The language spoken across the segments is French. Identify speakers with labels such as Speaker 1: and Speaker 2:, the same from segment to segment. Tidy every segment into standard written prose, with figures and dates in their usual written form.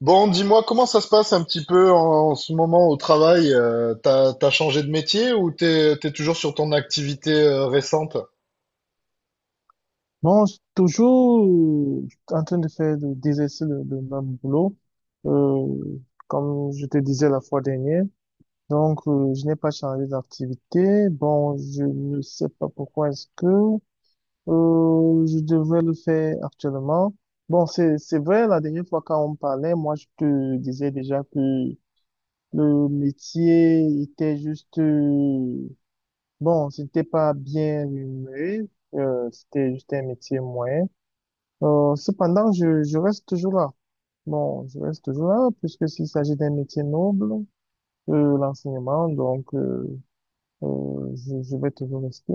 Speaker 1: Bon, dis-moi, comment ça se passe un petit peu en ce moment au travail? T'as changé de métier ou t'es toujours sur ton activité récente?
Speaker 2: Non, je suis toujours en train de faire d'exercer le même boulot, euh, comme je te disais la fois dernière. Donc, je n'ai pas changé d'activité. Bon, je ne sais pas pourquoi est-ce que je devrais le faire actuellement. Bon, c'est vrai, la dernière fois quand on parlait, moi, je te disais déjà que le métier était bon, c'était pas bien rémunéré, c'était juste un métier moyen. Cependant, je reste toujours là. Bon, je reste toujours là, puisque s'il s'agit d'un métier noble, l'enseignement, donc je vais toujours rester.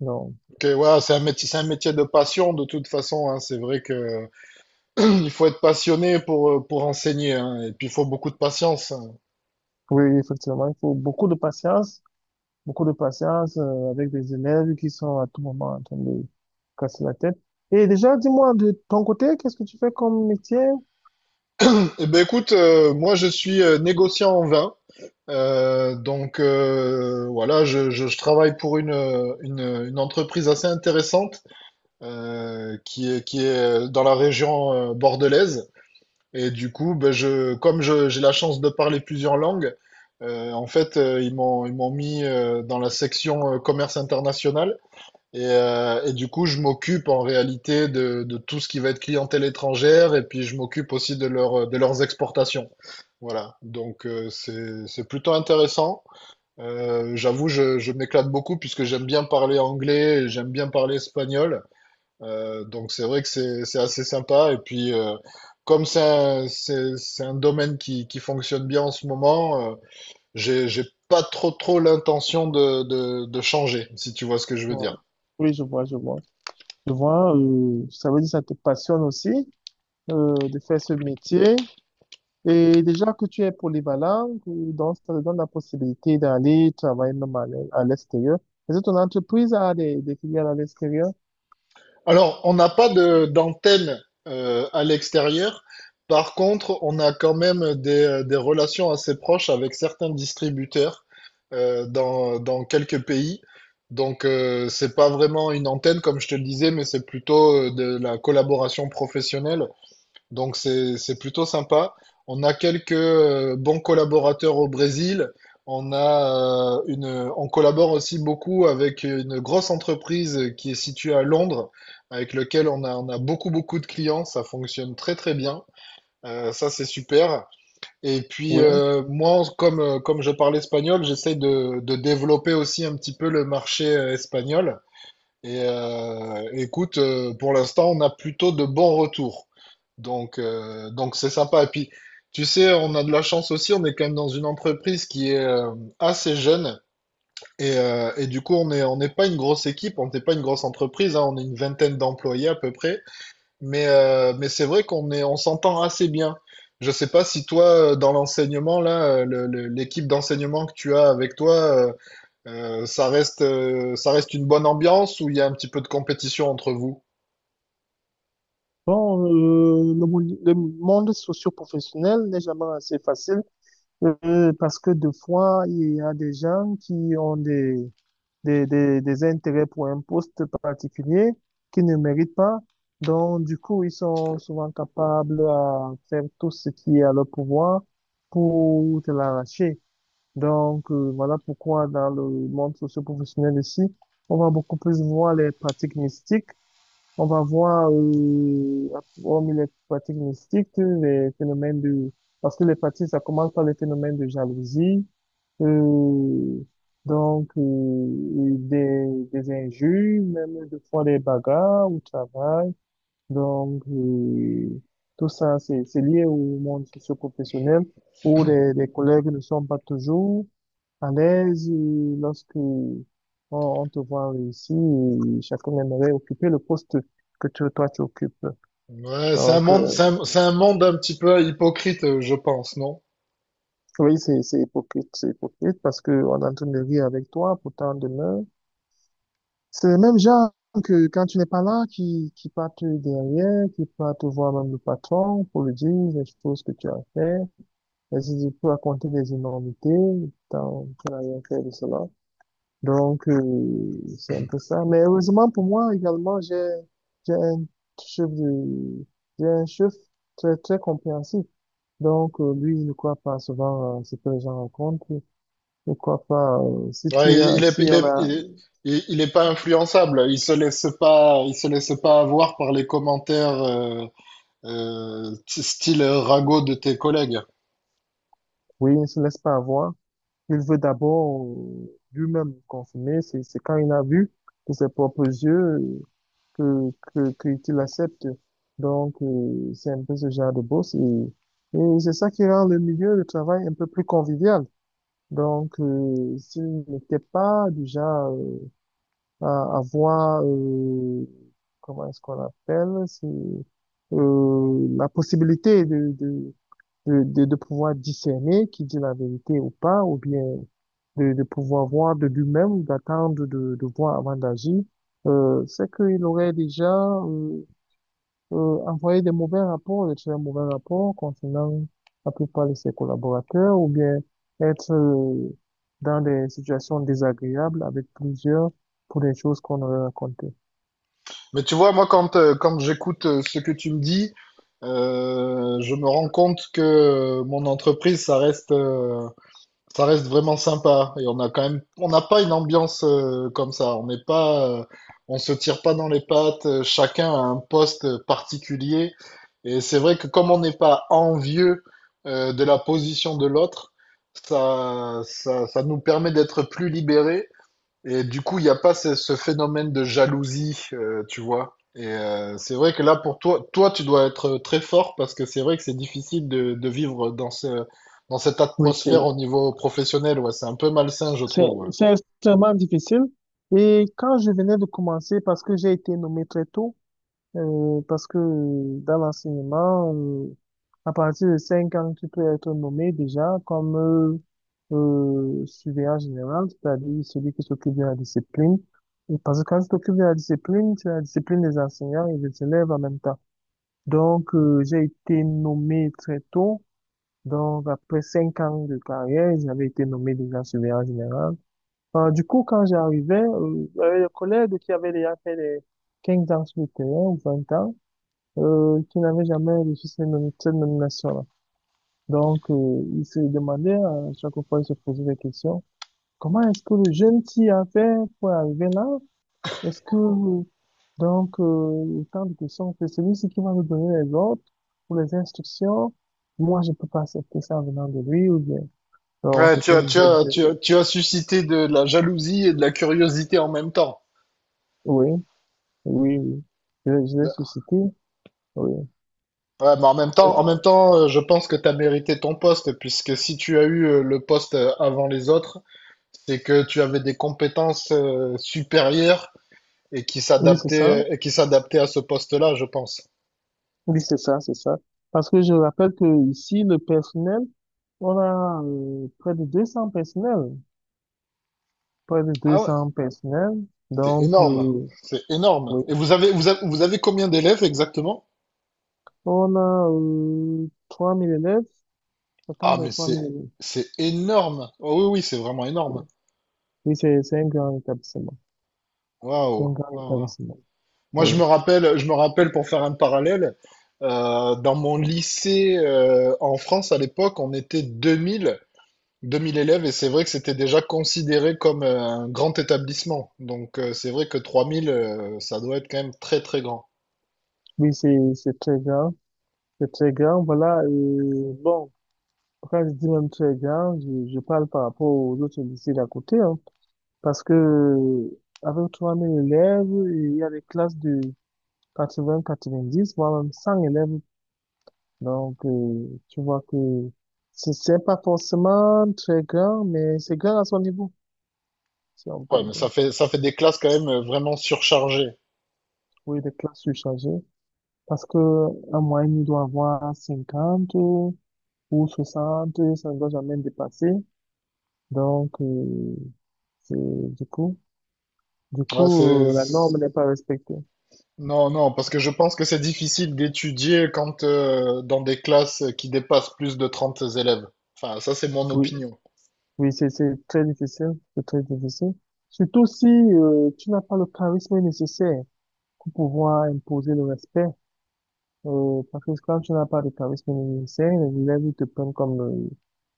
Speaker 2: Donc,
Speaker 1: Ok, ouais, c'est un métier de passion de toute façon, hein. C'est vrai que il faut être passionné pour enseigner, hein, et puis il faut beaucoup de patience. Hein.
Speaker 2: oui, effectivement, il faut beaucoup de patience avec des élèves qui sont à tout moment en train de casser la tête. Et déjà, dis-moi, de ton côté, qu'est-ce que tu fais comme métier?
Speaker 1: Eh ben écoute, moi je suis négociant en vin, voilà, je travaille pour une entreprise assez intéressante qui est dans la région bordelaise. Et du coup, ben, comme j'ai la chance de parler plusieurs langues, en fait, ils m'ont mis dans la section commerce international. Et du coup, je m'occupe en réalité de tout ce qui va être clientèle étrangère. Et puis, je m'occupe aussi de leurs exportations. Voilà. Donc, c'est plutôt intéressant. J'avoue, je m'éclate beaucoup puisque j'aime bien parler anglais, et j'aime bien parler espagnol. Donc c'est vrai que c'est assez sympa. Et puis comme c'est un domaine qui fonctionne bien en ce moment, j'ai pas trop trop l'intention de changer, si tu vois ce que je veux
Speaker 2: Bon,
Speaker 1: dire.
Speaker 2: oui, je vois, je vois. Je vois, ça veut dire que ça te passionne aussi de faire ce métier. Et déjà que tu es polyvalent, que- donc ça te donne la possibilité d'aller travailler même à à l'extérieur. Est-ce que ton entreprise a des filiales à l'extérieur?
Speaker 1: Alors, on n'a pas de d'antenne à l'extérieur. Par contre, on a quand même des relations assez proches avec certains distributeurs dans quelques pays. Donc, c'est pas vraiment une antenne, comme je te le disais, mais c'est plutôt de la collaboration professionnelle. Donc c'est plutôt sympa. On a quelques bons collaborateurs au Brésil. On collabore aussi beaucoup avec une grosse entreprise qui est située à Londres, avec lequel on a beaucoup beaucoup de clients. Ça fonctionne très très bien. Ça c'est super. Et puis
Speaker 2: Oui.
Speaker 1: moi, comme je parle espagnol, j'essaie de développer aussi un petit peu le marché espagnol. Et écoute, pour l'instant, on a plutôt de bons retours. Donc c'est sympa. Et puis, tu sais, on a de la chance aussi. On est quand même dans une entreprise qui est assez jeune. Et du coup, on n'est pas une grosse équipe, on n'est pas une grosse entreprise. Hein. On est une vingtaine d'employés à peu près. Mais c'est vrai qu'on s'entend assez bien. Je sais pas si toi, dans l'enseignement, là, l'équipe d'enseignement que tu as avec toi, ça reste une bonne ambiance où il y a un petit peu de compétition entre vous.
Speaker 2: Bon, le monde socio-professionnel n'est jamais assez facile parce que des fois, il y a des gens qui ont des intérêts pour un poste particulier qui ne méritent pas. Donc, du coup, ils sont souvent capables à faire tout ce qui est à leur pouvoir pour te l'arracher. Donc, voilà pourquoi dans le monde socio-professionnel ici, on va beaucoup plus voir les pratiques mystiques. On va voir, hormis les pratiques mystiques, les phénomènes de... Parce que les pratiques, ça commence par les phénomènes de jalousie, euh, et des injures, même des fois des bagarres au travail. Donc, tout ça, c'est lié au monde socio-professionnel où les collègues ne sont pas toujours à l'aise et lorsque on te voit réussir, et chacun aimerait occuper le poste que toi tu occupes.
Speaker 1: Ouais, c'est un
Speaker 2: Donc,
Speaker 1: monde, c'est un, c'est un monde un petit peu hypocrite, je pense, non?
Speaker 2: oui, c'est hypocrite parce que on est en train de rire avec toi, pourtant demain, c'est le même genre que quand tu n'es pas là, qui partent derrière, qui partent voir même le patron pour lui dire les choses que tu as fait, et si tu peux raconter des énormités, tant tu n'as rien fait de cela. Donc, c'est un peu ça. Mais heureusement pour moi également, j'ai un chef de, j'ai un chef très, très compréhensif. Donc, lui, il ne croit pas souvent à ce que les gens rencontrent. Il ne croit pas, si
Speaker 1: Ouais,
Speaker 2: tu as, si on a,
Speaker 1: il est pas influençable. Il se laisse pas avoir par les commentaires style ragot de tes collègues.
Speaker 2: oui, il ne se laisse pas avoir. Il veut d'abord lui-même consommer. C'est quand il a vu de ses propres yeux qu'il accepte. Donc, c'est un peu ce genre de boss et c'est ça qui rend le milieu de travail un peu plus convivial. Donc, s'il n'était pas du genre à avoir, comment est-ce qu'on appelle, la possibilité de pouvoir discerner qui dit la vérité ou pas, ou bien de pouvoir voir de lui-même, d'attendre de voir avant d'agir, c'est qu'il aurait déjà euh, envoyer des mauvais rapports, de très mauvais rapports concernant la plupart de ses collaborateurs, ou bien être dans des situations désagréables avec plusieurs pour des choses qu'on aurait racontées.
Speaker 1: Mais tu vois, moi, quand j'écoute ce que tu me dis, je me rends compte que mon entreprise, ça reste vraiment sympa et on a quand même, on n'a pas une ambiance comme ça. On se tire pas dans les pattes. Chacun a un poste particulier et c'est vrai que comme on n'est pas envieux de la position de l'autre, ça nous permet d'être plus libérés et du coup, il n'y a pas ce phénomène de jalousie, tu vois. Et c'est vrai que là, pour toi, toi, tu dois être très fort parce que c'est vrai que c'est difficile de vivre dans dans cette
Speaker 2: Oui,
Speaker 1: atmosphère au niveau professionnel. Ouais, c'est un peu malsain, je
Speaker 2: c'est,
Speaker 1: trouve. Ouais.
Speaker 2: c'est extrêmement difficile. Et quand je venais de commencer, parce que j'ai été nommé très tôt. Parce que dans l'enseignement, à partir de 5 ans, tu peux être nommé déjà comme surveillant général, c'est-à-dire celui qui s'occupe de la discipline. Et parce que quand tu t'occupes de la discipline, tu as la discipline des enseignants et des élèves en même temps. Donc, j'ai été nommé très tôt. Donc, après 5 ans de carrière, j'avais été nommé déjà surveillant général. Du coup, quand j'arrivais, j'avais des collègues qui avaient déjà fait des 15 ans sur le terrain ou 20 ans, qui n'avait jamais reçu cette, cette nomination-là. Donc, il se demandait, à chaque fois, il se posait des questions. Comment est-ce que le jeune s'y a fait pour arriver là? Est-ce que, Tant de questions, c'est celui-ci qui va nous donner les ordres ou les instructions. Moi, je peux pas accepter ça venant de lui ou bien. Non,
Speaker 1: Ouais, tu
Speaker 2: c'était
Speaker 1: as,
Speaker 2: une
Speaker 1: tu as, tu
Speaker 2: ZZZ.
Speaker 1: as, tu as suscité de la jalousie et de la curiosité en même temps.
Speaker 2: Oui, oui, oui. Je l'ai
Speaker 1: Bah,
Speaker 2: suscité. Oui,
Speaker 1: ouais, mais en
Speaker 2: Euh,
Speaker 1: même temps, je pense que tu as mérité ton poste puisque si tu as eu le poste avant les autres, c'est que tu avais des compétences supérieures
Speaker 2: oui, c'est ça.
Speaker 1: et qui s'adaptait à ce poste-là, je pense.
Speaker 2: Oui, c'est ça, c'est ça. Parce que je rappelle que ici, le personnel, on a près de 200 personnels. Près de deux
Speaker 1: Ah ouais,
Speaker 2: cents personnels.
Speaker 1: c'est
Speaker 2: Donc,
Speaker 1: énorme, c'est énorme.
Speaker 2: oui.
Speaker 1: Et vous avez combien d'élèves exactement?
Speaker 2: On a 3000 élèves. Autant
Speaker 1: Ah
Speaker 2: de
Speaker 1: mais
Speaker 2: trois
Speaker 1: c'est
Speaker 2: mille élèves.
Speaker 1: c'est énorme. Oh oui oui, c'est vraiment énorme.
Speaker 2: Oui, c'est un grand établissement. C'est
Speaker 1: Waouh,
Speaker 2: un grand
Speaker 1: waouh, waouh.
Speaker 2: établissement.
Speaker 1: Moi
Speaker 2: Oui.
Speaker 1: je me rappelle pour faire un parallèle dans mon lycée en France à l'époque, on était 2000 élèves et c'est vrai que c'était déjà considéré comme un grand établissement. Donc c'est vrai que 3000 ça doit être quand même très très grand.
Speaker 2: Oui, c'est très grand. C'est très grand. Voilà. Bon, quand je dis même très grand, je parle par rapport aux autres lycées d'à côté, hein. Parce que avec 3000 élèves, il y a des classes de 80, 90, voire même 100 élèves. Donc, tu vois que c'est pas forcément très grand, mais c'est grand à son niveau, si on peut
Speaker 1: Ouais,
Speaker 2: le
Speaker 1: mais
Speaker 2: dire.
Speaker 1: ça fait, des classes quand même vraiment surchargées.
Speaker 2: Oui, des classes surchargées. Parce que en moyenne, il doit avoir 50 ou 60, ça ne doit jamais dépasser. Donc, c'est, du coup, du
Speaker 1: Ouais, c'est.
Speaker 2: coup, la norme n'est pas respectée.
Speaker 1: Non, non, parce que je pense que c'est difficile d'étudier quand dans des classes qui dépassent plus de 30 élèves. Enfin, ça, c'est mon
Speaker 2: Oui,
Speaker 1: opinion.
Speaker 2: oui, c'est très difficile, c'est très difficile. Surtout si tu n'as pas le charisme nécessaire pour pouvoir imposer le respect. Parce que quand tu n'as pas le charisme nécessaire, les élèves ils te prennent comme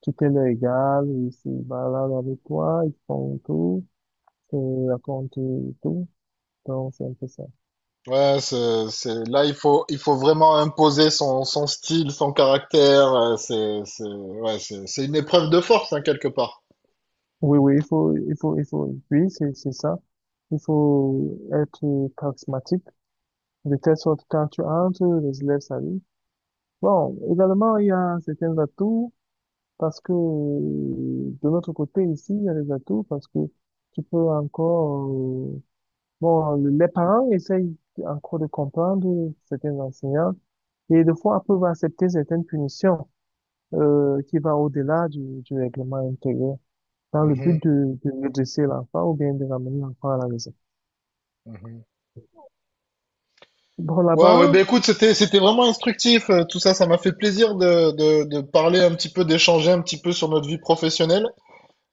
Speaker 2: tu t'es leur égal, ils se baladent avec toi, ils font tout, ils te racontent tout. Donc c'est un peu ça.
Speaker 1: Ouais, c'est... Là, il faut vraiment imposer son style, son caractère. C'est... Ouais, c'est une épreuve de force, hein, quelque part.
Speaker 2: Oui, oui, il faut, oui, c'est ça. Il faut être charismatique, de telle sorte que quand tu entres, les élèves saluent. Bon, également, il y a certains atouts parce que de notre côté ici, il y a des atouts parce que tu peux bon, les parents essayent encore de comprendre certains enseignants et des fois peuvent accepter certaines punitions qui va au-delà du règlement intérieur dans le but
Speaker 1: Mhm,
Speaker 2: de redresser l'enfant ou bien de ramener l'enfant à la raison.
Speaker 1: mhm.
Speaker 2: Bon,
Speaker 1: Ouais, ouais, ben écoute, c'était vraiment instructif. Tout ça, ça m'a fait plaisir de parler un petit peu, d'échanger un petit peu sur notre vie professionnelle.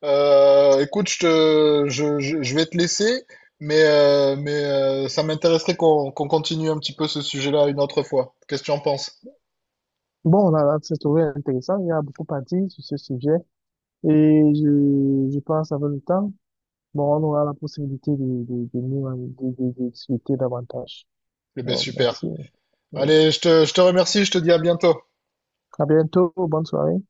Speaker 1: Écoute, je vais te laisser, mais ça m'intéresserait qu'on continue un petit peu ce sujet-là une autre fois. Qu'est-ce que tu en penses?
Speaker 2: là, là, c'est trouvé intéressant. Il y a beaucoup à dire sur ce sujet et je pense avec le temps. Bon, on aura la possibilité de, nous en- de discuter davantage.
Speaker 1: Eh ben
Speaker 2: Bon,
Speaker 1: super.
Speaker 2: merci. Euh,
Speaker 1: Allez, je te remercie, je te dis à bientôt.
Speaker 2: À bientôt, bonne soirée.